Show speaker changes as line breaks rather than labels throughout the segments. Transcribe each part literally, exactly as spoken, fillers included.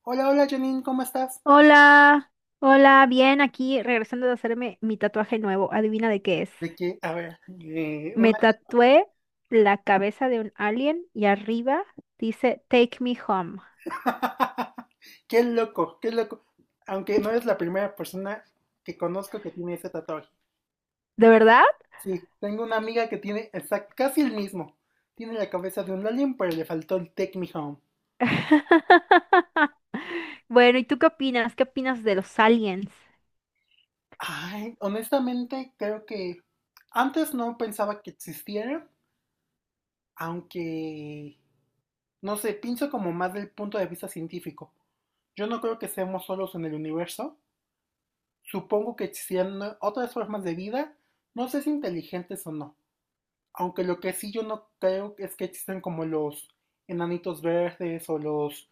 Hola, hola Janine, ¿cómo estás?
Hola, hola, bien, aquí regresando de hacerme mi tatuaje nuevo. Adivina de qué es.
De que, a ver, eh,
Me
una...
tatué la cabeza de un alien y arriba dice Take me home.
Qué loco, qué loco. Aunque no es la primera persona que conozco que tiene ese tatuaje.
¿De verdad?
Sí, tengo una amiga que tiene exact- casi el mismo. Tiene la cabeza de un alien, pero le faltó el Take Me Home.
Bueno, ¿y tú qué opinas? ¿Qué opinas de los aliens?
Ay, honestamente creo que antes no pensaba que existiera, aunque, no sé, pienso como más del punto de vista científico. Yo no creo que seamos solos en el universo. Supongo que existirán otras formas de vida, no sé si inteligentes o no. Aunque lo que sí yo no creo es que existan como los enanitos verdes o los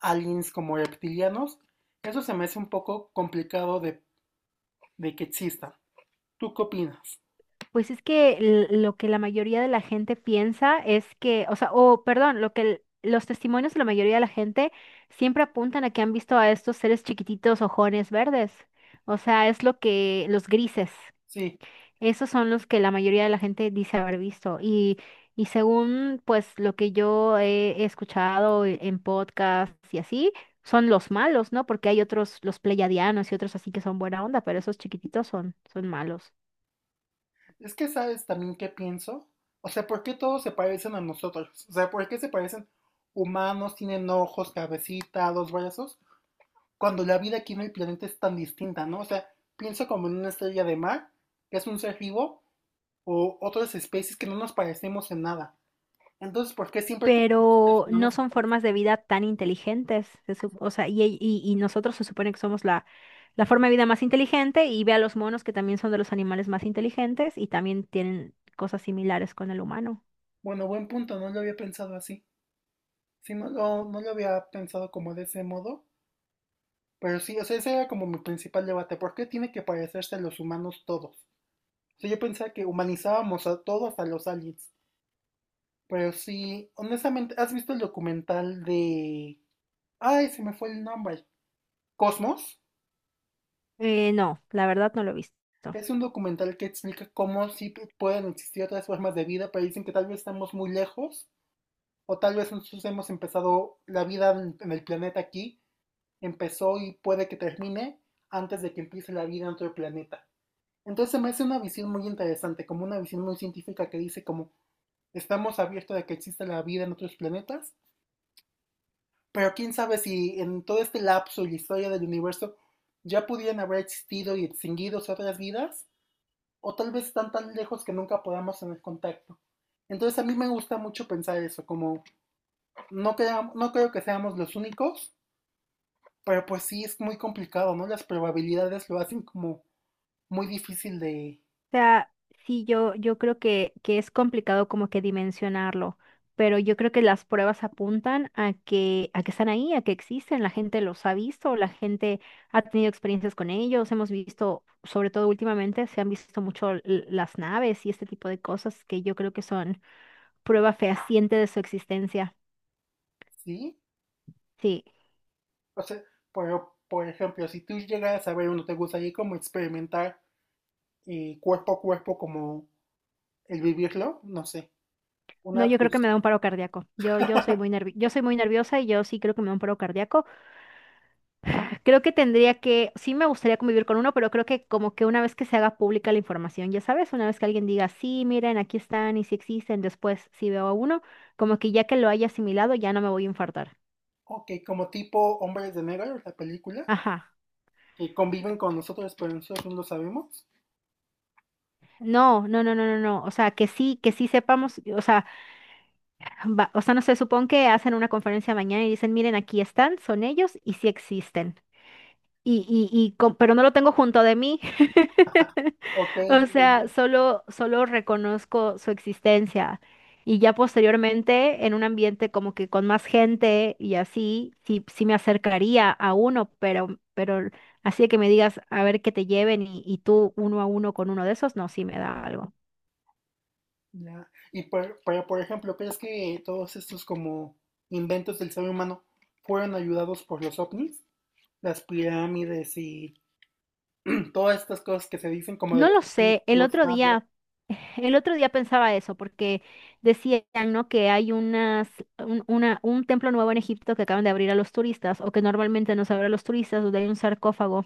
aliens como reptilianos. Eso se me hace un poco complicado de, de que existan. ¿Tú qué opinas?
Pues es que l- lo que la mayoría de la gente piensa es que, o sea, o perdón, lo que el- los testimonios de la mayoría de la gente siempre apuntan a que han visto a estos seres chiquititos, ojones verdes. O sea, es lo que los grises,
Sí,
esos son los que la mayoría de la gente dice haber visto. Y, y según pues lo que yo he escuchado e- en podcasts y así, son los malos, ¿no? Porque hay otros, los pleiadianos y otros así que son buena onda, pero esos chiquititos son, son, malos.
es que sabes también qué pienso. O sea, ¿por qué todos se parecen a nosotros? O sea, ¿por qué se parecen humanos, tienen ojos, cabecita, dos brazos? Cuando la vida aquí en el planeta es tan distinta, ¿no? O sea, piensa como en una estrella de mar, que es un ser vivo, o otras especies que no nos parecemos en nada. Entonces, ¿por qué siempre todos los seres
Pero no
humanos se
son
parecen?
formas de vida tan inteligentes. Se sup- o sea, y, y- y nosotros se supone que somos la, la forma de vida más inteligente, y ve a los monos que también son de los animales más inteligentes y también tienen cosas similares con el humano.
Bueno, buen punto, no lo había pensado así. Sí, no, lo- no lo había pensado como de ese modo. Pero sí, o sea, ese era como mi principal debate. ¿Por qué tiene que parecerse a los humanos todos? O sea, yo pensaba que humanizábamos a todos a los aliens. Pero sí, honestamente, ¿has visto el documental de... Ay, se me fue el nombre. ¿Cosmos?
Eh, no, la verdad no lo he visto.
Es un documental que explica cómo sí pueden existir otras formas de vida, pero dicen que tal vez estamos muy lejos, o tal vez nosotros hemos empezado la vida en, el planeta aquí, empezó y puede que termine antes de que empiece la vida en otro planeta. Entonces se me hace una visión muy interesante, como una visión muy científica que dice como estamos abiertos a que exista la vida en otros planetas, pero quién sabe si en todo este lapso y la historia del universo ya pudieran haber existido y extinguidos otras vidas o tal vez están tan lejos que nunca podamos tener contacto. Entonces a mí me gusta mucho pensar eso, como no, creo, no creo que seamos los únicos, pero pues sí es muy complicado, ¿no? Las probabilidades lo hacen como muy difícil de,
O sea, sí, yo, yo creo que, que es complicado como que dimensionarlo, pero yo creo que las pruebas apuntan a que, a que están ahí, a que existen, la gente los ha visto, la gente ha tenido experiencias con ellos, hemos visto, sobre todo últimamente, se han visto mucho l- las naves y este tipo de cosas que yo creo que son prueba fehaciente de su existencia.
¿sí?
Sí.
O sea, pero por ejemplo, si tú llegas a ver uno, ¿te gustaría como experimentar eh, cuerpo a cuerpo como el vivirlo? No sé,
No,
una,
yo creo que
pues,
me da un paro cardíaco. Yo, yo soy muy nervi- yo soy muy nerviosa y yo sí creo que me da un paro cardíaco. Creo que tendría que, sí me gustaría convivir con uno, pero creo que como que una vez que se haga pública la información, ya sabes, una vez que alguien diga, sí, miren, aquí están y si existen, después si veo a uno, como que ya que lo haya asimilado, ya no me voy a infartar.
ok, como tipo Hombres de Negro, la película,
Ajá.
que conviven con nosotros, pero nosotros no lo sabemos.
No, no, no, no, no, no. O sea, que sí, que sí sepamos, o sea, va- o sea, no sé, supón que hacen una conferencia mañana y dicen, miren, aquí están, son ellos y sí existen. Y, y, y, com- pero no lo tengo junto de mí.
Ok.
O sea, solo, solo reconozco su existencia y ya posteriormente en un ambiente como que con más gente y así, sí, sí, me acercaría a uno, pero, pero así de que me digas a ver que te lleven y, y tú uno a uno con uno de esos, no, sí me da algo.
Ya. Y por, pero, por ejemplo, ¿crees que todos estos como inventos del ser humano fueron ayudados por los ovnis? Las pirámides y todas estas cosas que se dicen como de
No
los
lo sé, el
egipcios,
otro
mayas.
día, el otro día pensaba eso porque decían, ¿no?, que hay unas, un, una, un templo nuevo en Egipto que acaban de abrir a los turistas o que normalmente no se abre a los turistas, donde hay un sarcófago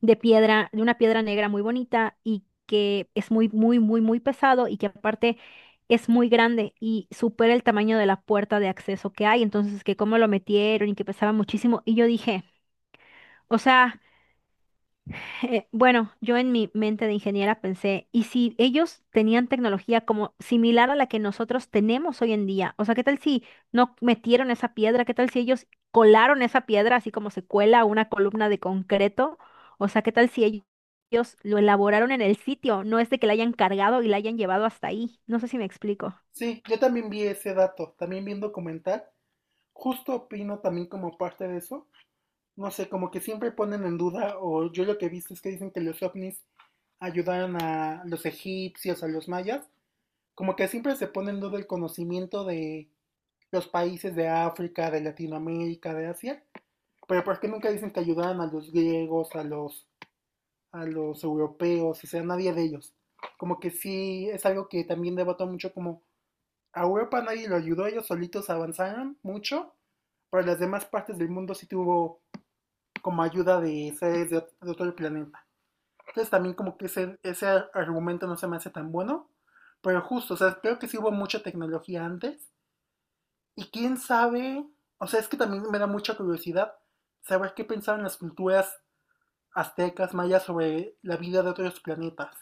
de piedra, de una piedra negra muy bonita y que es muy, muy, muy, muy pesado, y que aparte es muy grande y supera el tamaño de la puerta de acceso que hay. Entonces, que cómo lo metieron y que pesaba muchísimo. Y yo dije, o sea... Eh, bueno, yo en mi mente de ingeniera pensé, ¿y si ellos tenían tecnología como similar a la que nosotros tenemos hoy en día? O sea, ¿qué tal si no metieron esa piedra? ¿Qué tal si ellos colaron esa piedra así como se cuela una columna de concreto? O sea, ¿qué tal si ell- ellos lo elaboraron en el sitio? No es de que la hayan cargado y la hayan llevado hasta ahí. No sé si me explico.
Sí, yo también vi ese dato, también vi un documental. Justo opino también como parte de eso. No sé, como que siempre ponen en duda, o yo lo que he visto es que dicen que los ovnis ayudaron a los egipcios, a los mayas. Como que siempre se pone en duda el conocimiento de los países de África, de Latinoamérica, de Asia, pero ¿por qué nunca dicen que ayudaban a los griegos, a los, a los europeos, o sea, nadie de ellos? Como que sí, es algo que también debato mucho, como a Europa nadie lo ayudó, ellos solitos avanzaron mucho, pero las demás partes del mundo sí tuvo como ayuda de seres de, otro planeta. Entonces también como que ese, ese argumento no se me hace tan bueno, pero justo, o sea, creo que sí hubo mucha tecnología antes. Y quién sabe, o sea, es que también me da mucha curiosidad saber qué pensaban las culturas aztecas, mayas sobre la vida de otros planetas.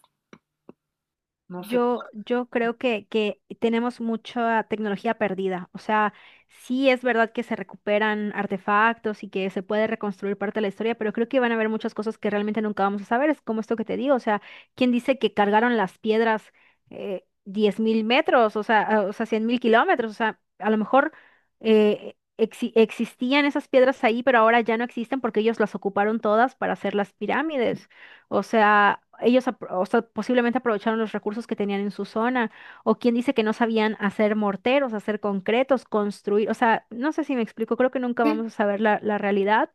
No sé,
Yo, yo creo que, que tenemos mucha tecnología perdida. O sea, sí es verdad que se recuperan artefactos y que se puede reconstruir parte de la historia, pero creo que van a haber muchas cosas que realmente nunca vamos a saber. Es como esto que te digo. O sea, ¿quién dice que cargaron las piedras eh, diez mil metros? O sea, ah, o sea, cien mil kilómetros. O sea, a lo mejor eh, exi- existían esas piedras ahí, pero ahora ya no existen porque ellos las ocuparon todas para hacer las pirámides. O sea, ellos apro- o sea, posiblemente aprovecharon los recursos que tenían en su zona. O quien dice que no sabían hacer morteros, hacer concretos, construir. O sea, no sé si me explico, creo que nunca
sí,
vamos a saber la, la realidad.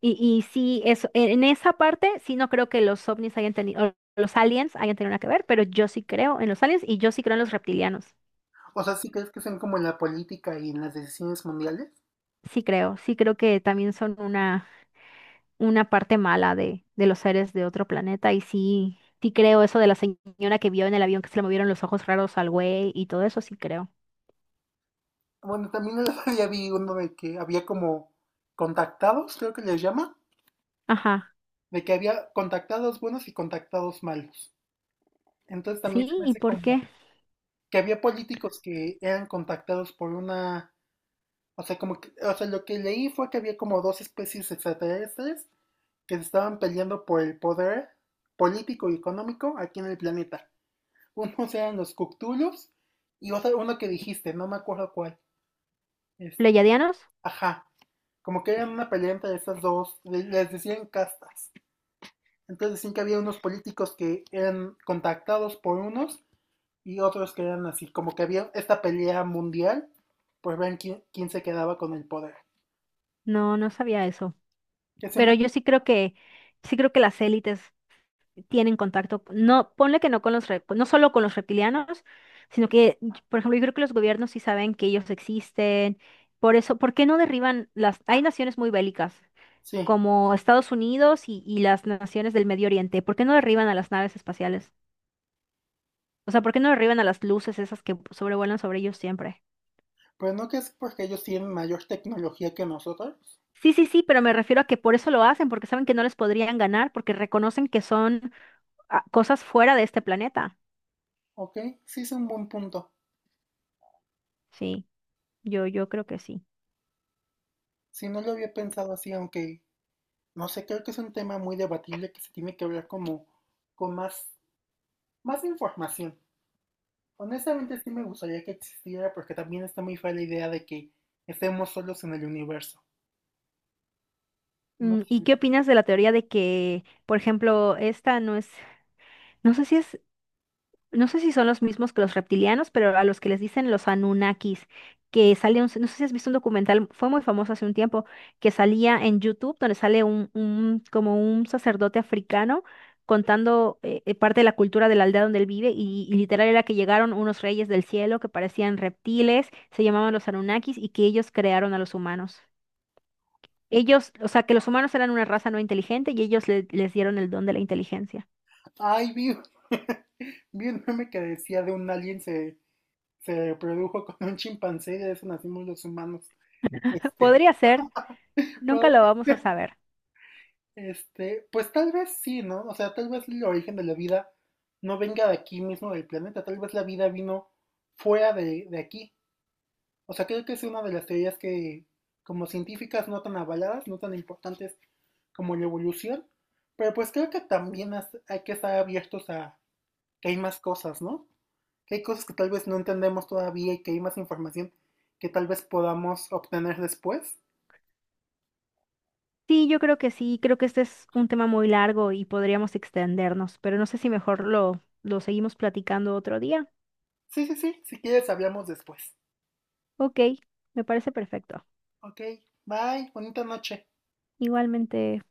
Y, y sí, eso, en en esa parte sí no creo que los ovnis hayan tenido, los aliens hayan tenido nada que ver, pero yo sí creo en los aliens y yo sí creo en los reptilianos.
o sea, sí crees que sean como en la política y en las decisiones mundiales.
Sí creo, sí creo que también son una una parte mala de, de los seres de otro planeta. Y sí, sí creo eso de la señora que vio en el avión que se le movieron los ojos raros al güey y todo eso, sí creo.
Bueno, también el otro día vi uno de que había como contactados, creo que les llama,
Ajá.
de que había contactados buenos y contactados malos. Entonces también se
Sí,
me
¿y
hace
por
como
qué?
que había políticos que eran contactados por una. O sea, como que- o sea, lo que leí fue que había como dos especies extraterrestres que se estaban peleando por el poder político y económico aquí en el planeta. Unos eran los Cthulhus y otro, uno que dijiste, no me acuerdo cuál. Es,
¿Pleyadianos?
ajá, como que eran una pelea entre esas dos, les decían castas. Entonces decían que había unos políticos que eran contactados por unos y otros que eran así, como que había esta pelea mundial por ver quién, quién se quedaba con el poder.
No, no sabía eso.
Que se me...
Pero yo sí creo que, sí creo que las élites tienen contacto, no, ponle que no con los, rep- no solo con los reptilianos, sino que, y- por ejemplo, yo creo que los gobiernos sí saben que ellos existen. Por eso, ¿por qué no derriban las? Hay naciones muy bélicas,
Sí.
como Estados Unidos y, y las naciones del Medio Oriente. ¿Por qué no derriban a las naves espaciales? O sea, ¿por qué no derriban a las luces esas que sobrevuelan sobre ellos siempre?
Pero no que es porque ellos tienen mayor tecnología que nosotros.
Sí, sí, sí, pero me refiero a que por eso lo hacen, porque saben que no les podrían ganar, porque reconocen que son ah, cosas fuera de este planeta.
Ok, sí es un buen punto.
Sí, yo, yo creo que sí.
Si no lo había pensado así, aunque no sé, creo que es un tema muy debatible que se tiene que hablar como con más, más información. Honestamente sí me gustaría que existiera porque también está muy fea la idea de que estemos solos en el universo. No
Mm, ¿Y
sé.
qué opinas de la teoría de que, por ejemplo, esta no es, no sé si es no sé si son los mismos que los reptilianos, pero a los que les dicen los Anunnakis, que sale un, no sé si has visto un documental, fue muy famoso hace un tiempo, que salía en YouTube, donde sale un, un- como un sacerdote africano contando eh, eh, parte de la cultura de la aldea donde él vive, y, y literal era que llegaron unos reyes del cielo que parecían reptiles, se llamaban los Anunnakis, y que ellos crearon a los humanos. Ellos, o sea, que los humanos eran una raza no inteligente y ellos le- les dieron el don de la inteligencia.
Ay, vi, vi un meme que decía de un alien se, se reprodujo con un chimpancé y de eso nacimos los humanos. Este,
Podría ser, nunca
pero
lo vamos a saber.
este, pues tal vez sí, ¿no? O sea, tal vez el origen de la vida no venga de aquí mismo del planeta, tal vez la vida vino fuera de, de aquí. O sea, creo que es una de las teorías que, como científicas, no tan avaladas, no tan importantes como la evolución, pero pues creo que también has- hay que estar abiertos a que hay más cosas, ¿no? Que hay cosas que tal vez no entendemos todavía y que hay más información que tal vez podamos obtener después.
Sí, yo creo que sí, creo que este es un tema muy largo y podríamos extendernos, pero no sé si mejor lo, lo, seguimos platicando otro día.
Sí, sí, sí, si quieres hablamos después.
Ok, me parece perfecto.
Ok, bye, bonita noche.
Igualmente.